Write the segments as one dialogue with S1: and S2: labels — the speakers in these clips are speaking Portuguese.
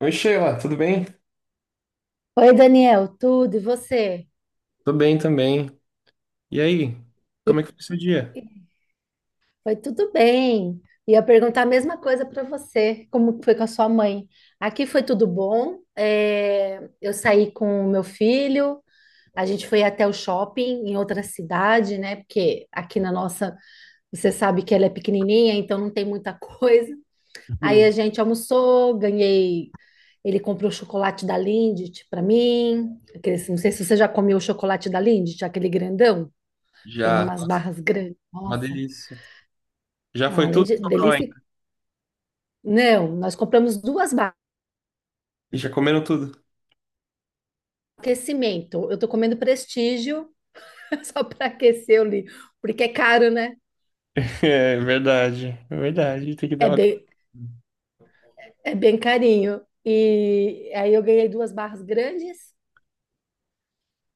S1: Oi, Sheila, tudo bem?
S2: Oi, Daniel, tudo e você?
S1: Tô bem também. E aí? Como é que foi o seu dia?
S2: Foi tudo bem. Ia perguntar a mesma coisa para você, como foi com a sua mãe. Aqui foi tudo bom. Eu saí com o meu filho, a gente foi até o shopping em outra cidade, né? Porque aqui na nossa, você sabe que ela é pequenininha, então não tem muita coisa. Aí a
S1: Uhum.
S2: gente almoçou, ganhei. Ele comprou chocolate da Lindt para mim. Não sei se você já comeu o chocolate da Lindt, aquele grandão. Tem
S1: Já,
S2: umas
S1: nossa,
S2: barras grandes.
S1: uma
S2: Nossa,
S1: delícia. Já
S2: não,
S1: foi
S2: além
S1: tudo,
S2: de
S1: sobrou
S2: delícia.
S1: ainda.
S2: Não, nós compramos duas barras
S1: E já comeram tudo.
S2: de aquecimento. Eu tô comendo Prestígio só para aquecer ali, porque é caro, né?
S1: É verdade, é verdade. Tem que
S2: É
S1: dar uma.
S2: bem, é bem carinho. E aí eu ganhei duas barras grandes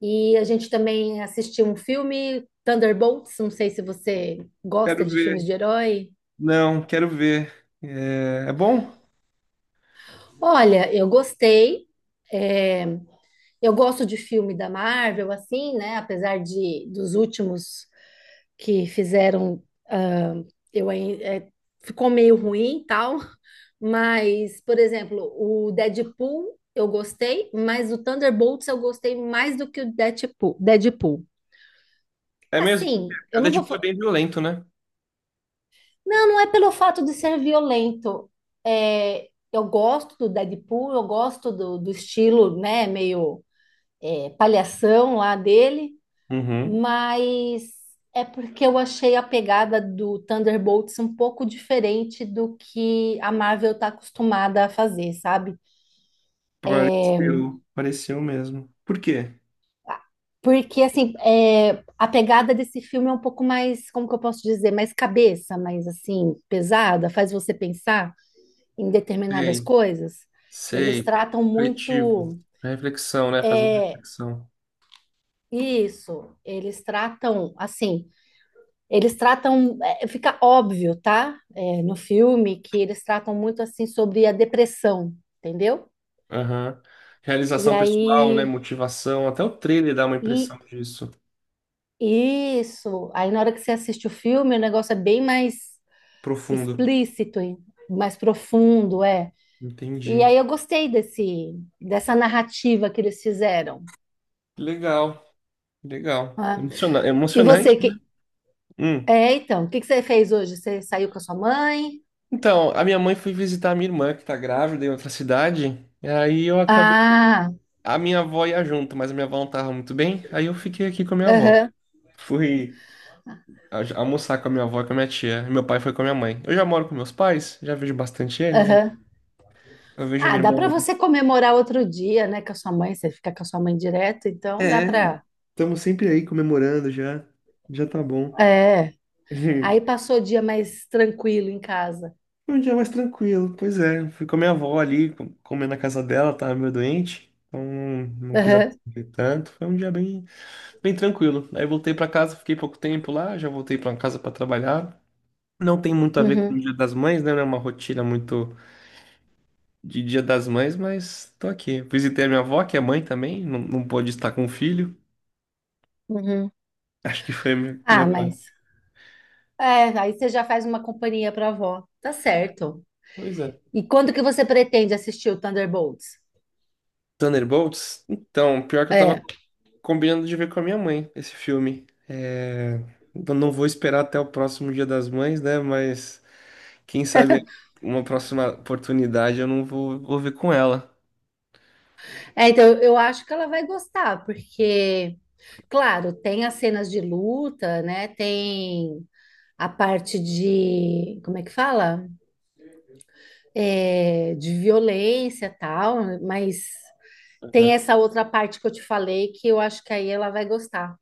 S2: e a gente também assistiu um filme, Thunderbolts. Não sei se você gosta
S1: Quero
S2: de filmes
S1: ver.
S2: de herói.
S1: Não, quero ver. É, é bom?
S2: Olha, eu gostei. É, Eu gosto de filme da Marvel, assim, né? Apesar de dos últimos que fizeram, ah, eu ain- é, ficou meio ruim e tal, mas, por exemplo, o Deadpool eu gostei, mas o Thunderbolts eu gostei mais do que o Deadpool. Deadpool.
S1: É mesmo? Porque
S2: Assim,
S1: é
S2: eu não vou.
S1: Deadpool é
S2: Fa-
S1: bem violento, né?
S2: Não, não é pelo fato de ser violento. É, eu gosto do Deadpool, eu gosto do estilo, né, meio palhação lá dele.
S1: Uhum.
S2: Mas é porque eu achei a pegada do Thunderbolts um pouco diferente do que a Marvel está acostumada a fazer, sabe?
S1: Pareceu, pareceu mesmo. Por quê?
S2: Porque, assim, a pegada desse filme é um pouco mais, como que eu posso dizer, mais cabeça, mais, assim, pesada, faz você pensar em determinadas
S1: Sei,
S2: coisas. Eles
S1: sei.
S2: tratam
S1: Refletivo.
S2: muito
S1: Reflexão, né? Faz uma
S2: é,
S1: reflexão.
S2: isso, eles tratam, assim, eles tratam, fica óbvio, tá? É, no filme que eles tratam muito assim sobre a depressão, entendeu?
S1: Aham.
S2: E
S1: Realização pessoal, né?
S2: aí,
S1: Motivação, até o trailer dá uma impressão
S2: e
S1: disso.
S2: isso. Aí na hora que você assiste o filme, o negócio é bem mais
S1: Profundo.
S2: explícito, hein? Mais profundo, é. E
S1: Entendi.
S2: aí eu gostei desse dessa narrativa que eles fizeram.
S1: Legal, legal.
S2: Né?
S1: Emociona-
S2: E
S1: Emocionante.
S2: você, que
S1: Hum.
S2: então, o que que você fez hoje? Você saiu com a sua mãe?
S1: Então, a minha mãe foi visitar a minha irmã, que tá grávida em outra cidade. E aí eu acabei.
S2: Ah,
S1: A minha avó ia junto, mas a minha avó não tava muito bem. Aí eu fiquei aqui com a minha avó.
S2: aham,
S1: Fui almoçar com a minha avó e com a minha tia. E meu pai foi com a minha mãe. Eu já moro com meus pais, já vejo bastante eles.
S2: aham.
S1: Eu vejo
S2: Ah,
S1: minha
S2: dá
S1: irmã.
S2: para você comemorar outro dia, né, com a sua mãe, você fica com a sua mãe direto, então dá
S1: É.
S2: para.
S1: Estamos sempre aí comemorando já. Já tá bom.
S2: É. Aí passou o dia mais tranquilo em casa.
S1: Foi um dia mais tranquilo. Pois é, fui com a minha avó ali, comer na casa dela, tava meio doente. Então não, quis
S2: Aham,
S1: aparecer tanto. Foi um dia bem, bem tranquilo. Aí voltei pra casa, fiquei pouco tempo lá, já voltei pra casa pra trabalhar. Não tem muito a ver com
S2: uhum,
S1: o Dia das Mães, né? Não é uma rotina muito de Dia das Mães, mas tô aqui. Visitei a minha avó, que é mãe também, não, não pôde estar com o filho.
S2: uhum.
S1: Acho que foi a minha
S2: Ah,
S1: parte.
S2: mas aí você já faz uma companhia para avó. Tá certo.
S1: Pois é.
S2: E quando que você pretende assistir o Thunderbolts?
S1: Thunderbolts? Então, pior que eu tava
S2: É.
S1: combinando de ver com a minha mãe esse filme. É, eu não vou esperar até o próximo Dia das Mães, né? Mas quem sabe uma próxima oportunidade eu não vou, vou ver com ela.
S2: É, então eu acho que ela vai gostar, porque, claro, tem as cenas de luta, né? Tem a parte de, como é que fala? De violência e tal, mas tem
S1: Aham.
S2: essa outra parte que eu te falei que eu acho que aí ela vai gostar.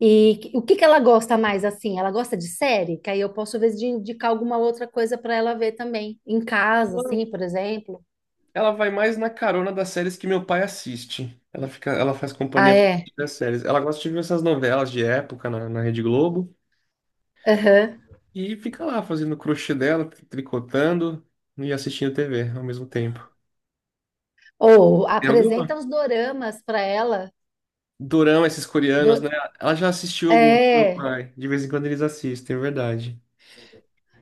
S2: E o que que ela gosta mais assim? Ela gosta de série? Que aí eu posso, às vezes, indicar alguma outra coisa para ela ver também, em casa,
S1: Ela
S2: assim, por exemplo.
S1: ela vai mais na carona das séries que meu pai assiste. Ela fica, ela faz
S2: Ah,
S1: companhia
S2: é?
S1: das séries. Ela gosta de ver essas novelas de época na Rede Globo
S2: Aham.
S1: e fica lá fazendo o crochê dela, tricotando e assistindo TV ao mesmo tempo.
S2: Ou
S1: Tem
S2: apresenta
S1: alguma
S2: os doramas para ela.
S1: Dorama, esses coreanos, né?
S2: Do-
S1: Ela já assistiu algum? Meu
S2: É,
S1: pai. De vez em quando eles assistem, é verdade.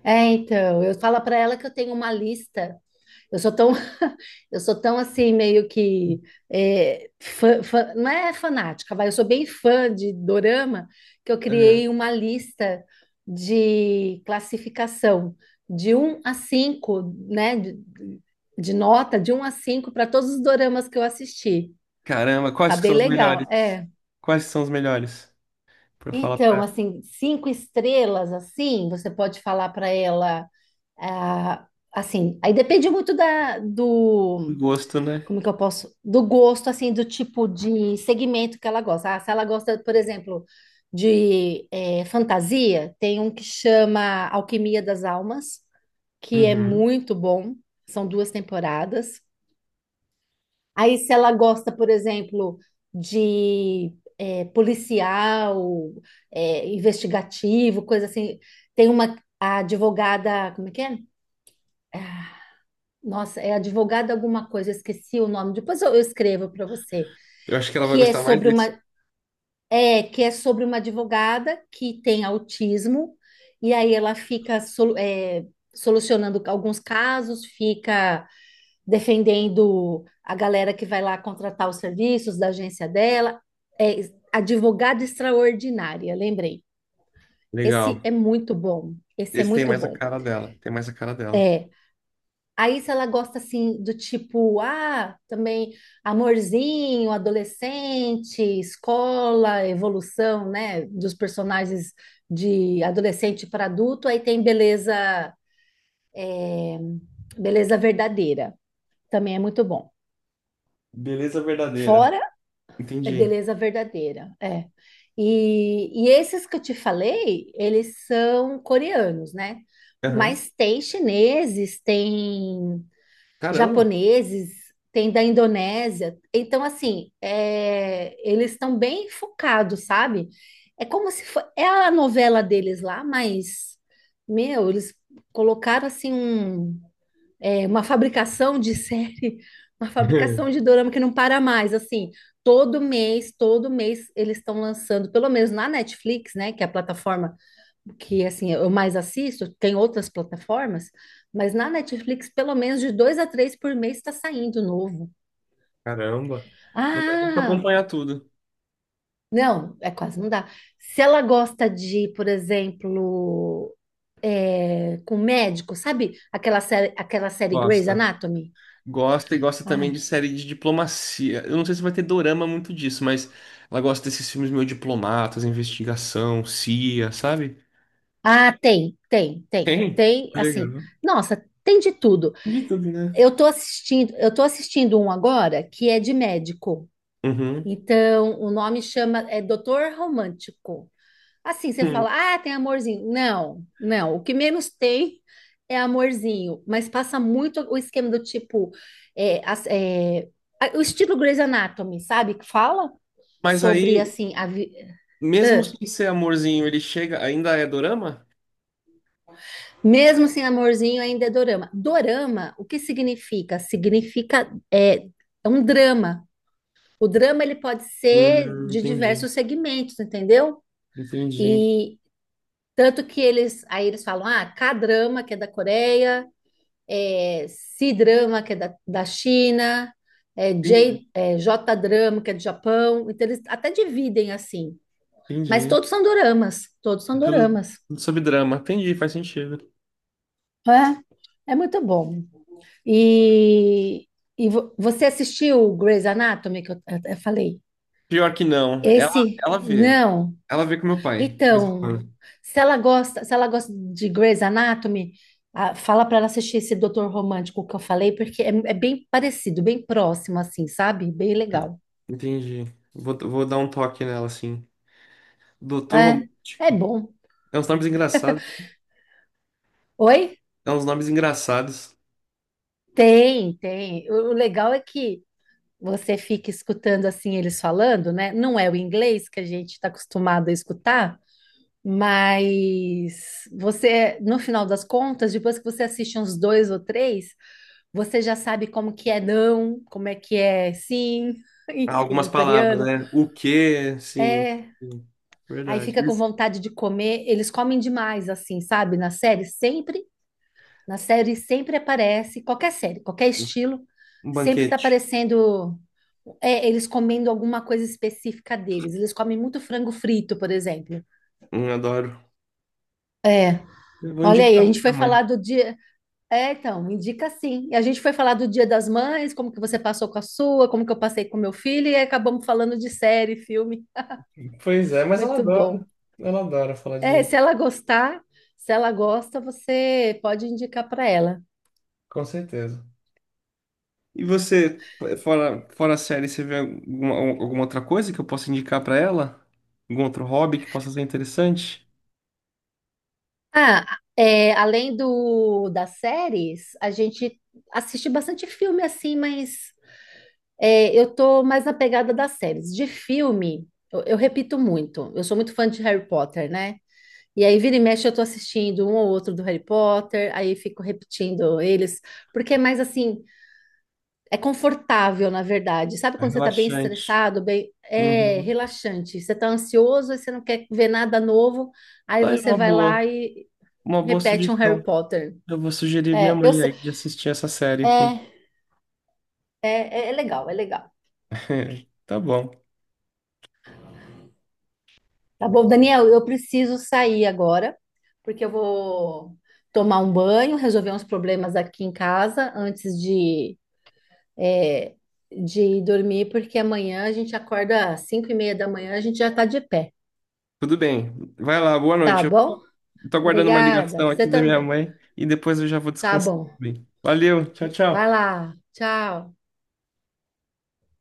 S2: é, então, eu falo para ela que eu tenho uma lista. Eu sou tão, eu sou tão assim, meio que não é fanática, vai. Eu sou bem fã de dorama que eu
S1: Aham.
S2: criei uma lista de classificação de um a 5, né? De nota de um a 5 para todos os doramas que eu assisti.
S1: Caramba,
S2: Tá
S1: quais que
S2: bem
S1: são os
S2: legal,
S1: melhores?
S2: é.
S1: Quais que são os melhores? Pra eu falar
S2: Então,
S1: pra
S2: assim, cinco estrelas, assim, você pode falar para ela, ah, assim, aí depende muito da,
S1: ela.
S2: do
S1: Gosto, né?
S2: como que eu posso, do gosto, assim, do tipo de segmento que ela gosta. Ah, se ela gosta, por exemplo, de fantasia, tem um que chama Alquimia das Almas, que é
S1: Uhum.
S2: muito bom, são duas temporadas. Aí, se ela gosta, por exemplo, de policial, investigativo, coisa assim, tem uma a advogada, como é que é? Ah, nossa, é advogada alguma coisa, eu esqueci o nome. Depois eu escrevo para você.
S1: Eu acho que ela vai
S2: Que é
S1: gostar mais
S2: sobre
S1: desse.
S2: uma É que é sobre uma advogada que tem autismo e aí ela fica solucionando alguns casos, fica defendendo a galera que vai lá contratar os serviços da agência dela. É advogada extraordinária, lembrei.
S1: Legal.
S2: Esse é muito bom. Esse é
S1: Esse tem
S2: muito
S1: mais a
S2: bom.
S1: cara dela. Tem mais a cara dela.
S2: É, aí, se ela gosta assim do tipo, ah, também amorzinho, adolescente, escola, evolução, né, dos personagens de adolescente para adulto, aí tem beleza, beleza verdadeira, também é muito bom.
S1: Beleza verdadeira.
S2: Fora é
S1: Entendi.
S2: beleza verdadeira, é. E esses que eu te falei, eles são coreanos, né?
S1: Aham.
S2: Mas tem chineses, tem
S1: Caramba.
S2: japoneses, tem da Indonésia. Então, assim, eles estão bem focados, sabe? É como se é a novela deles lá, mas, meu, eles colocaram, assim, um, uma fabricação de série, uma fabricação de dorama que não para mais, assim. Todo mês, eles estão lançando, pelo menos na Netflix, né, que é a plataforma que assim eu mais assisto, tem outras plataformas, mas na Netflix pelo menos de dois a três por mês está saindo novo.
S1: Caramba. Não dá nem pra
S2: Ah,
S1: acompanhar tudo.
S2: não, é quase não dá. Se ela gosta de, por exemplo, com médico, sabe aquela série Grey's
S1: Gosto.
S2: Anatomy?
S1: Gosta e gosta também de
S2: Ai.
S1: série de diplomacia. Eu não sei se vai ter dorama muito disso, mas ela gosta desses filmes meio diplomatas, investigação, CIA, sabe?
S2: Ah, tem, tem, tem,
S1: Tem.
S2: tem, assim,
S1: Legal.
S2: nossa, tem de tudo.
S1: De tudo, né?
S2: Eu tô assistindo um agora que é de médico.
S1: Uhum.
S2: Então, o nome chama Doutor Romântico. Assim, você
S1: Hum.
S2: fala, ah, tem amorzinho. Não, não. O que menos tem é amorzinho, mas passa muito o esquema do tipo, é, as- é, o estilo Grey's Anatomy, sabe? Que fala
S1: Mas
S2: sobre
S1: aí,
S2: assim, a vi-
S1: mesmo
S2: Ah,
S1: sem ser amorzinho, ele chega, ainda é dorama?
S2: mesmo sem amorzinho ainda é dorama. Dorama, o que significa? Significa é um drama. O drama ele pode ser de
S1: Entendi.
S2: diversos segmentos, entendeu?
S1: Entendi.
S2: E tanto que eles, aí eles falam, ah, K-drama, que é da Coreia, é, C-drama, que é da, da China,
S1: Entendi.
S2: J-drama, que é do Japão. Então eles até dividem assim. Mas
S1: Entendi.
S2: todos são doramas, todos são
S1: Tudo
S2: doramas.
S1: tudo sobre drama. Entendi, faz sentido.
S2: É, é muito bom. E, e você assistiu Grey's Anatomy, que eu falei?
S1: Pior que não. Ela,
S2: Esse,
S1: ela vê.
S2: não.
S1: Ela vê com meu pai, de vez em
S2: Então,
S1: quando.
S2: se ela gosta, se ela gosta de Grey's Anatomy, ah, fala para ela assistir esse Doutor Romântico que eu falei, porque é, é bem parecido, bem próximo, assim, sabe? Bem legal.
S1: Entendi. Vou dar um toque nela, assim. Doutor
S2: É, é
S1: Romântico.
S2: bom.
S1: É uns nomes engraçados.
S2: Oi?
S1: É uns nomes engraçados.
S2: Tem, tem. O legal é que você fica escutando assim eles falando, né? Não é o inglês que a gente está acostumado a escutar, mas você, no final das contas, depois que você assiste uns dois ou três. Você já sabe como que é não, como é que é sim,
S1: Há
S2: em
S1: Algumas
S2: em
S1: palavras,
S2: coreano.
S1: né? O quê? Sim.
S2: É.
S1: Sim.
S2: Aí
S1: Verdade.
S2: fica com
S1: Isso.
S2: vontade de comer. Eles comem demais, assim, sabe? Na série sempre aparece, qualquer série, qualquer estilo,
S1: Um
S2: sempre tá
S1: banquete.
S2: aparecendo eles comendo alguma coisa específica deles. Eles comem muito frango frito, por exemplo.
S1: Adoro. Eu vou
S2: Olha aí, a
S1: indicar pra
S2: gente foi
S1: minha
S2: falar
S1: mãe.
S2: do dia, é, então, me indica sim. E a gente foi falar do Dia das Mães, como que você passou com a sua, como que eu passei com meu filho, e aí acabamos falando de série, filme.
S1: Pois é, mas ela
S2: Muito
S1: adora.
S2: bom.
S1: Ela adora falar
S2: É,
S1: de.
S2: se ela gostar, se ela gosta, você pode indicar para ela.
S1: Com certeza. E você, fora a série, você vê alguma, alguma outra coisa que eu possa indicar pra ela? Algum outro hobby que possa ser interessante?
S2: Ah, é, além do das séries, a gente assiste bastante filme assim, mas é, eu tô mais na pegada das séries. De filme, eu repito muito. Eu sou muito fã de Harry Potter, né? E aí, vira e mexe, eu tô assistindo um ou outro do Harry Potter, aí fico repetindo eles, porque é mais assim, é confortável, na verdade. Sabe
S1: É
S2: quando você tá bem
S1: relaxante.
S2: estressado, bem, é
S1: Uhum.
S2: relaxante. Você tá ansioso e você não quer ver nada novo, aí
S1: Tá aí
S2: você vai lá e
S1: uma boa
S2: repete um Harry
S1: sugestão.
S2: Potter.
S1: Eu vou sugerir minha
S2: É, eu
S1: mãe
S2: sei-
S1: aí de assistir essa série.
S2: é, é, é é legal, é legal.
S1: Tá bom.
S2: Tá bom, Daniel, eu preciso sair agora, porque eu vou tomar um banho, resolver uns problemas aqui em casa antes é, de dormir, porque amanhã a gente acorda às 5 e meia da manhã, a gente já está de pé,
S1: Tudo bem. Vai lá, boa
S2: tá
S1: noite. Eu
S2: bom?
S1: tô aguardando uma
S2: Obrigada,
S1: ligação
S2: você
S1: aqui da minha
S2: também.
S1: mãe e depois eu já vou
S2: Tá
S1: descansar
S2: bom.
S1: também. Valeu, tchau,
S2: Vai
S1: tchau.
S2: lá, tchau.